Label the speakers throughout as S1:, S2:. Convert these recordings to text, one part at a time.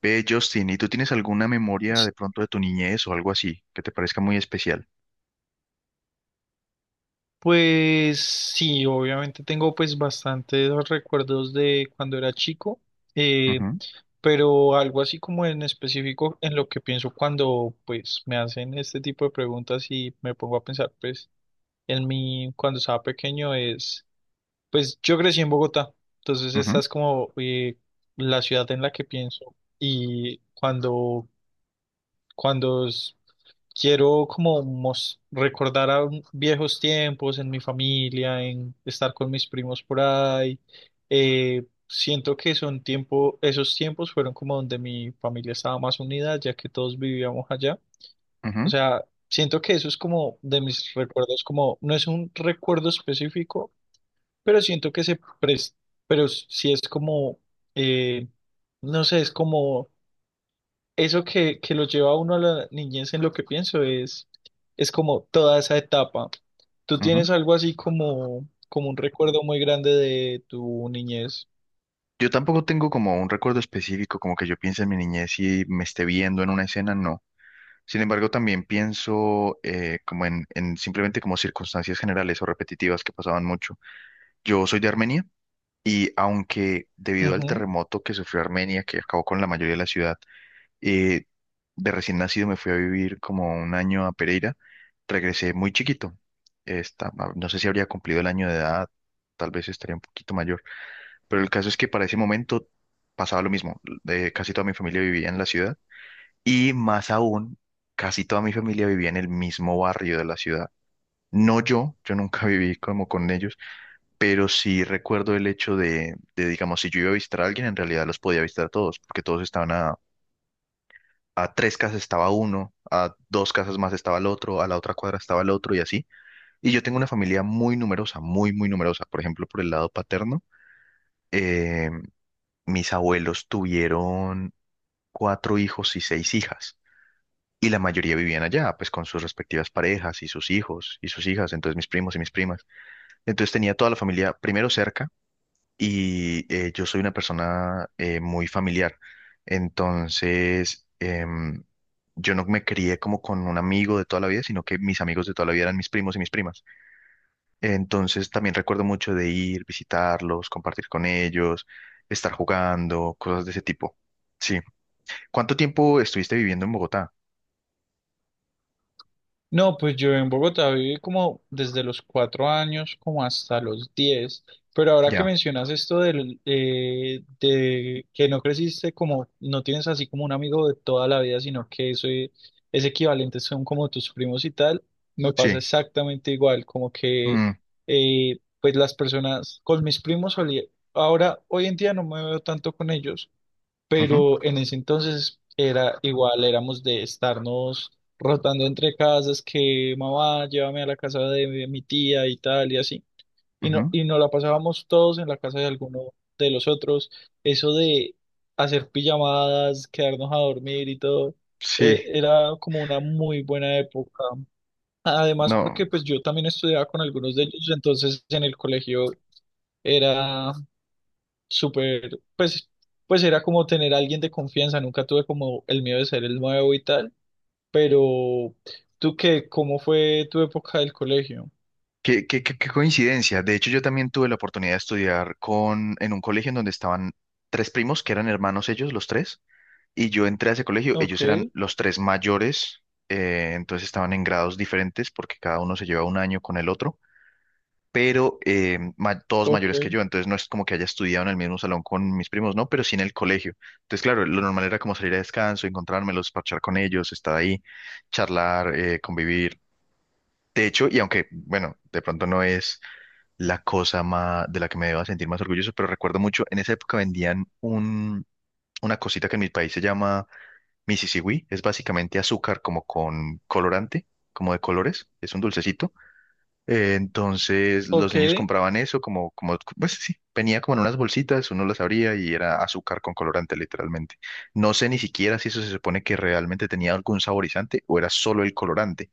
S1: Ve, Justin, ¿y tú tienes alguna memoria
S2: S-
S1: de pronto de tu niñez o algo así que te parezca muy especial?
S2: Pues sí, obviamente tengo pues bastantes recuerdos de cuando era chico, eh,
S1: Ujú,
S2: pero algo así como en específico en lo que pienso cuando pues me hacen este tipo de preguntas y me pongo a pensar pues en mí cuando estaba pequeño es pues yo crecí en Bogotá, entonces esta
S1: ujú,
S2: es como la ciudad en la que pienso y cuando s- quiero como recordar a viejos tiempos en mi familia, en estar con mis primos por ahí. Siento que esos tiempos fueron como donde mi familia estaba más unida, ya que todos vivíamos allá. O
S1: ujú,
S2: sea, siento que eso es como de mis recuerdos, como no es un recuerdo específico, pero siento que se presta, pero sí es como, eh, no sé, es como eso que lo lleva a uno a la niñez en lo que es como toda esa etapa. ¿Tú
S1: ujú.
S2: tienes algo así como, como un recuerdo muy grande de tu niñez?
S1: Yo tampoco tengo como un recuerdo específico, como que yo piense en mi niñez y me esté viendo en una escena, no. Sin embargo, también pienso como en simplemente como circunstancias generales o repetitivas que pasaban mucho. Yo soy de Armenia y aunque debido al terremoto que sufrió Armenia, que acabó con la mayoría de la ciudad, Eh, de recién nacido me fui a vivir como un año a Pereira. Regresé muy chiquito. No sé si habría cumplido el año de edad, tal vez estaría un poquito mayor. Pero el caso es que para ese momento pasaba lo mismo. Casi toda mi familia vivía en la ciudad y más aún, casi toda mi familia vivía en el mismo barrio de la ciudad. No, yo nunca viví como con ellos, pero sí recuerdo el hecho de, digamos, si yo iba a visitar a alguien, en realidad los podía visitar a todos, porque todos estaban a tres casas estaba uno, a dos casas más estaba el otro, a la otra cuadra estaba el otro y así. Y yo tengo una familia muy numerosa, muy, muy numerosa. Por ejemplo, por el lado paterno, eh, mis abuelos tuvieron cuatro hijos y seis hijas. Y la mayoría vivían allá, pues con sus respectivas parejas y sus hijos y sus hijas, entonces mis primos y mis primas. Entonces tenía toda la familia primero cerca y yo soy una persona muy familiar. Entonces, yo no me crié como con un amigo de toda la vida, sino que mis amigos de toda la vida eran mis primos y mis primas. Entonces, también recuerdo mucho de ir, visitarlos, compartir con ellos, estar jugando, cosas de ese tipo. Sí. ¿Cuánto tiempo estuviste viviendo en Bogotá?
S2: No, pues yo en Bogotá viví como desde los cuatro años como hasta los diez, pero ahora que
S1: Ya,
S2: mencionas esto de que no creciste como, no tienes así como un amigo de toda la vida, sino que ese equivalente son como tus primos y tal, me pasa
S1: sí.
S2: exactamente igual, como que
S1: Mm,
S2: pues las personas, con mis primos solía, ahora hoy en día no me veo tanto con ellos,
S1: ujú,
S2: pero en ese entonces era igual, éramos de estarnos rotando entre casas, que mamá, llévame a la casa de mi tía y tal y así, y no,
S1: ujú.
S2: y nos la pasábamos todos en la casa de alguno de los otros, eso de hacer pijamadas, quedarnos a dormir y todo,
S1: Sí,
S2: era como una muy buena época. Además,
S1: no.
S2: porque pues yo también estudiaba con algunos de ellos, entonces en el colegio era súper, pues, pues era como tener a alguien de confianza, nunca tuve como el miedo de ser el nuevo y tal, pero ¿tú qué? ¿Cómo fue tu época del colegio?
S1: Qué coincidencia. De hecho, yo también tuve la oportunidad de estudiar con, en un colegio en donde estaban tres primos, que eran hermanos ellos, los tres, y yo entré a ese colegio,
S2: Ok,
S1: ellos eran los tres mayores, entonces estaban en grados diferentes porque cada uno se lleva un año con el otro, pero todos
S2: ok,
S1: mayores que yo, entonces no es como que haya estudiado en el mismo salón con mis primos, no, pero sí en el colegio. Entonces, claro, lo normal era como salir a descanso, encontrármelos, parchar con ellos, estar ahí, charlar, convivir. De hecho, y aunque, bueno, de pronto no es la cosa más, de la que me deba sentir más orgulloso, pero recuerdo mucho, en esa época vendían una cosita que en mi país se llama Misisigüí, es básicamente azúcar como con colorante, como de colores, es un dulcecito. Entonces los
S2: ok,
S1: niños compraban eso como, pues sí, venía como en unas bolsitas, uno las abría y era azúcar con colorante literalmente. No sé ni siquiera si eso se supone que realmente tenía algún saborizante o era solo el colorante.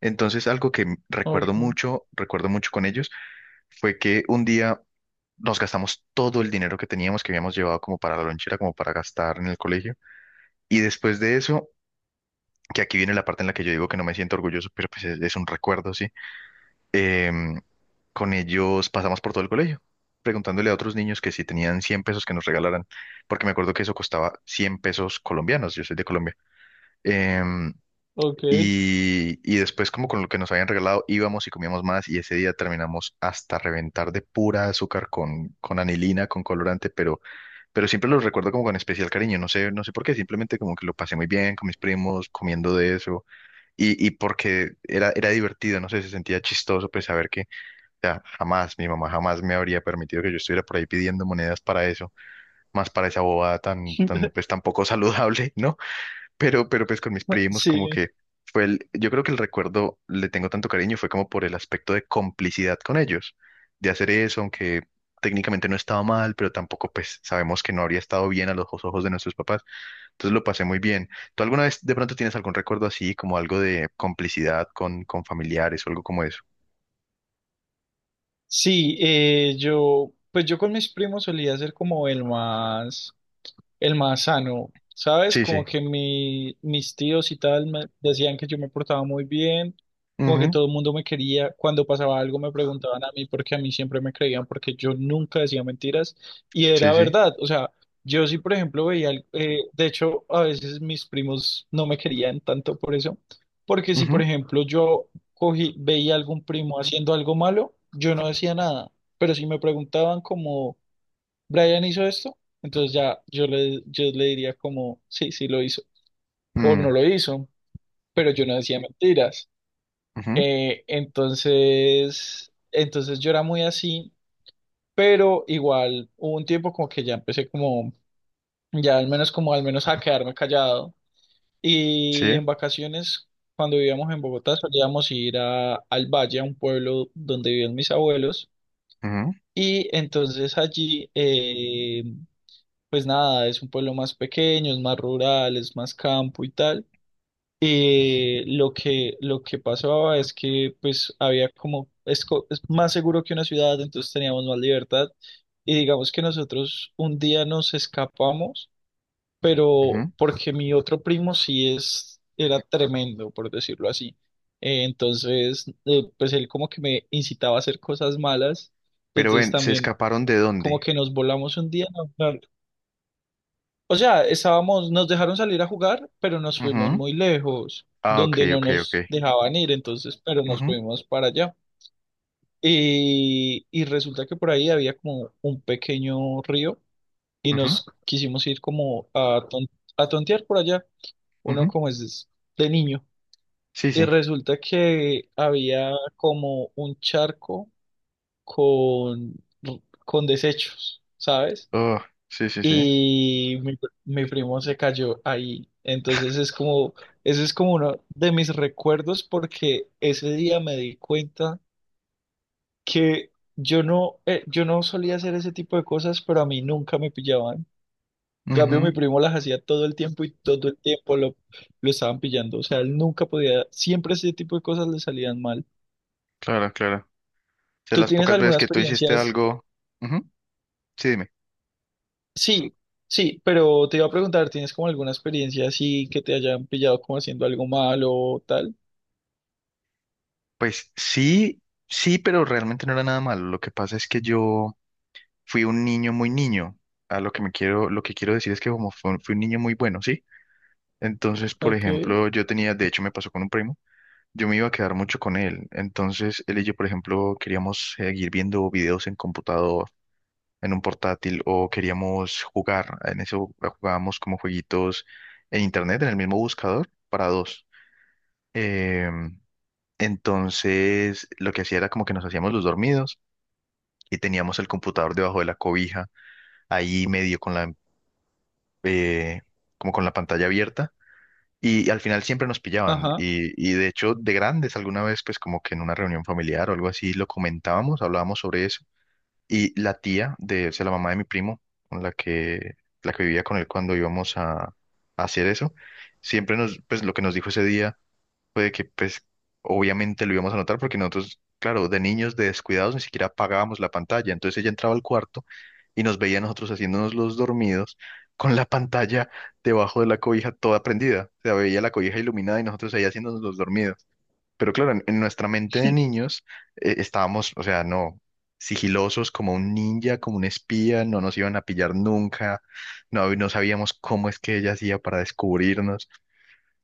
S1: Entonces algo que
S2: ok,
S1: recuerdo mucho con ellos, fue que un día nos gastamos todo el dinero que teníamos, que habíamos llevado como para la lonchera, como para gastar en el colegio. Y después de eso, que aquí viene la parte en la que yo digo que no me siento orgulloso, pero pues es un recuerdo, sí. Em, con ellos pasamos por todo el colegio, preguntándole a otros niños que si tenían 100 pesos que nos regalaran, porque me acuerdo que eso costaba 100 pesos colombianos, yo soy de Colombia. Em,
S2: ok.
S1: y, después como con lo que nos habían regalado íbamos y comíamos más y ese día terminamos hasta reventar de pura azúcar con anilina, con colorante, pero siempre los recuerdo como con especial cariño, no sé, no sé por qué, simplemente como que lo pasé muy bien con mis primos, comiendo de eso, y, porque era divertido, no sé, se sentía chistoso, pues saber que, o sea, jamás, mi mamá jamás me habría permitido que yo estuviera por ahí pidiendo monedas para eso, más para esa bobada tan, tan, pues tan poco saludable, ¿no? Pero, pues con mis primos como
S2: Sí,
S1: que fue el, yo creo que el recuerdo le tengo tanto cariño fue como por el aspecto de complicidad con ellos, de hacer eso, aunque técnicamente no estaba mal, pero tampoco pues sabemos que no habría estado bien a los ojos de nuestros papás. Entonces lo pasé muy bien. ¿Tú alguna vez de pronto tienes algún recuerdo así, como algo de complicidad con familiares o algo como eso?
S2: sí, yo, pues yo con mis primos solía ser como el más sano, ¿sabes?
S1: Sí,
S2: Como
S1: sí.
S2: que mis tíos y tal me decían que yo me portaba muy bien, como que
S1: Ujú,
S2: todo el mundo me quería, cuando pasaba algo me preguntaban a mí porque a mí siempre me creían porque yo nunca decía mentiras y
S1: sí,
S2: era
S1: sí.
S2: verdad, o sea, yo sí, por ejemplo, veía, de hecho, a veces mis primos no me querían tanto por eso, porque si, por
S1: Ujú,
S2: ejemplo, veía a algún primo haciendo algo malo, yo no decía nada, pero si me preguntaban como Brian hizo esto, entonces ya yo le diría como, sí, sí lo hizo, o
S1: mm,
S2: no lo hizo, pero yo no decía mentiras.
S1: ujú,
S2: Entonces yo era muy así, pero igual hubo un tiempo como que ya empecé como, ya al menos como al menos a quedarme callado.
S1: sí.
S2: Y en vacaciones, cuando vivíamos en Bogotá, solíamos ir a, al valle, a un pueblo donde vivían mis abuelos.
S1: Ujú,
S2: Y entonces allí pues nada, es un pueblo más pequeño, es más rural, es más campo y tal. Lo que pasaba es que pues había como, es más seguro que una ciudad, entonces teníamos más libertad. Y digamos que nosotros un día nos escapamos, pero
S1: ujú.
S2: porque mi otro primo era tremendo, por decirlo así. Pues él como que me incitaba a hacer cosas malas. Y
S1: Pero
S2: entonces
S1: ven, ¿se
S2: también
S1: escaparon de
S2: como
S1: dónde?
S2: que nos volamos un día, no, no, o sea, estábamos, nos dejaron salir a jugar, pero nos fuimos
S1: Ujú.
S2: muy lejos,
S1: Ah, ok,
S2: donde no
S1: ok, ok.
S2: nos dejaban ir, entonces, pero nos
S1: Ujú.
S2: fuimos para allá. Y resulta que por ahí había como un pequeño río y
S1: Ujú,
S2: nos quisimos ir como a tontear por allá, uno
S1: ujú.
S2: como es de niño.
S1: Sí,
S2: Y
S1: sí.
S2: resulta que había como un charco con, con desechos, ¿sabes?
S1: Oh, sí, sí, sí.
S2: Y mi primo se cayó ahí. Entonces es como, ese es como uno de mis recuerdos porque ese día me di cuenta que yo no, yo no solía hacer ese tipo de cosas, pero a mí nunca me pillaban. En cambio,
S1: Ujú,
S2: mi primo las hacía todo el tiempo y todo el tiempo lo estaban pillando. O sea, él nunca podía, siempre ese tipo de cosas le salían mal.
S1: claro, claro. O sea,
S2: ¿Tú
S1: las
S2: tienes
S1: pocas veces
S2: alguna
S1: que tú
S2: experiencia?
S1: hiciste algo. Ujú, sí, dime.
S2: Sí, sí, pero te iba a preguntar, ¿tienes como alguna experiencia así que te hayan pillado como haciendo algo malo o tal?
S1: Pues sí, sí, pero realmente no era nada malo. Lo que pasa es que yo fui un niño muy niño. A lo que me quiero, lo que quiero decir es que como fui, un niño muy bueno, ¿sí? Entonces, por
S2: Ok,
S1: ejemplo, yo tenía, de hecho me pasó con un primo, yo me iba a quedar mucho con él. Entonces, él y yo, por ejemplo, queríamos seguir viendo videos en computador en un portátil o queríamos jugar. En eso jugábamos como jueguitos en internet, en el mismo buscador, para dos. Em, entonces, lo que hacía era como que nos hacíamos los dormidos y teníamos el computador debajo de la cobija, ahí medio con la, eh, como con la pantalla abierta. Y al final siempre nos pillaban.
S2: ajá.
S1: Y, de hecho, de grandes, alguna vez, pues como que en una reunión familiar o algo así, lo comentábamos, hablábamos sobre eso. Y la tía de, o sea, la mamá de mi primo, con la que, la que vivía con él cuando íbamos a hacer eso, siempre nos, pues lo que nos dijo ese día fue de que, pues, obviamente lo íbamos a notar porque nosotros, claro, de niños, de descuidados, ni siquiera apagábamos la pantalla. Entonces ella entraba al cuarto y nos veía a nosotros haciéndonos los dormidos con la pantalla debajo de la cobija toda prendida. O sea, veía la cobija iluminada y nosotros ahí haciéndonos los dormidos. Pero claro, en nuestra mente de niños estábamos, o sea, no, sigilosos como un ninja, como un espía, no nos iban a pillar nunca, no, no sabíamos cómo es que ella hacía para descubrirnos.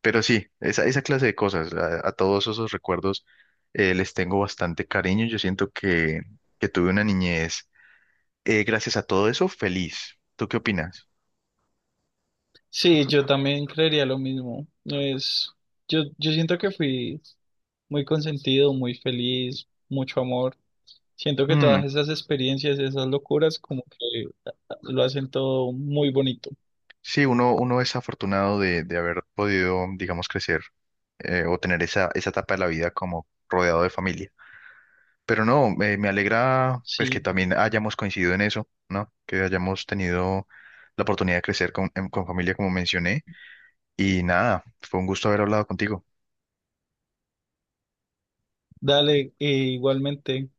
S1: Pero sí, esa clase de cosas, a, todos esos recuerdos les tengo bastante cariño. Yo siento que tuve una niñez, gracias a todo eso, feliz. ¿Tú qué opinas?
S2: Sí, yo también creería lo mismo. No es, yo siento que fui muy consentido, muy feliz, mucho amor. Siento que todas esas experiencias, esas locuras, como que lo hacen todo muy bonito.
S1: Sí, uno, es afortunado de haber podido, digamos, crecer o tener esa, etapa de la vida como rodeado de familia. Pero no, me alegra pues que
S2: Sí,
S1: también hayamos coincidido en eso, ¿no? Que hayamos tenido la oportunidad de crecer con familia, como mencioné. Y nada, fue un gusto haber hablado contigo.
S2: dale, igualmente.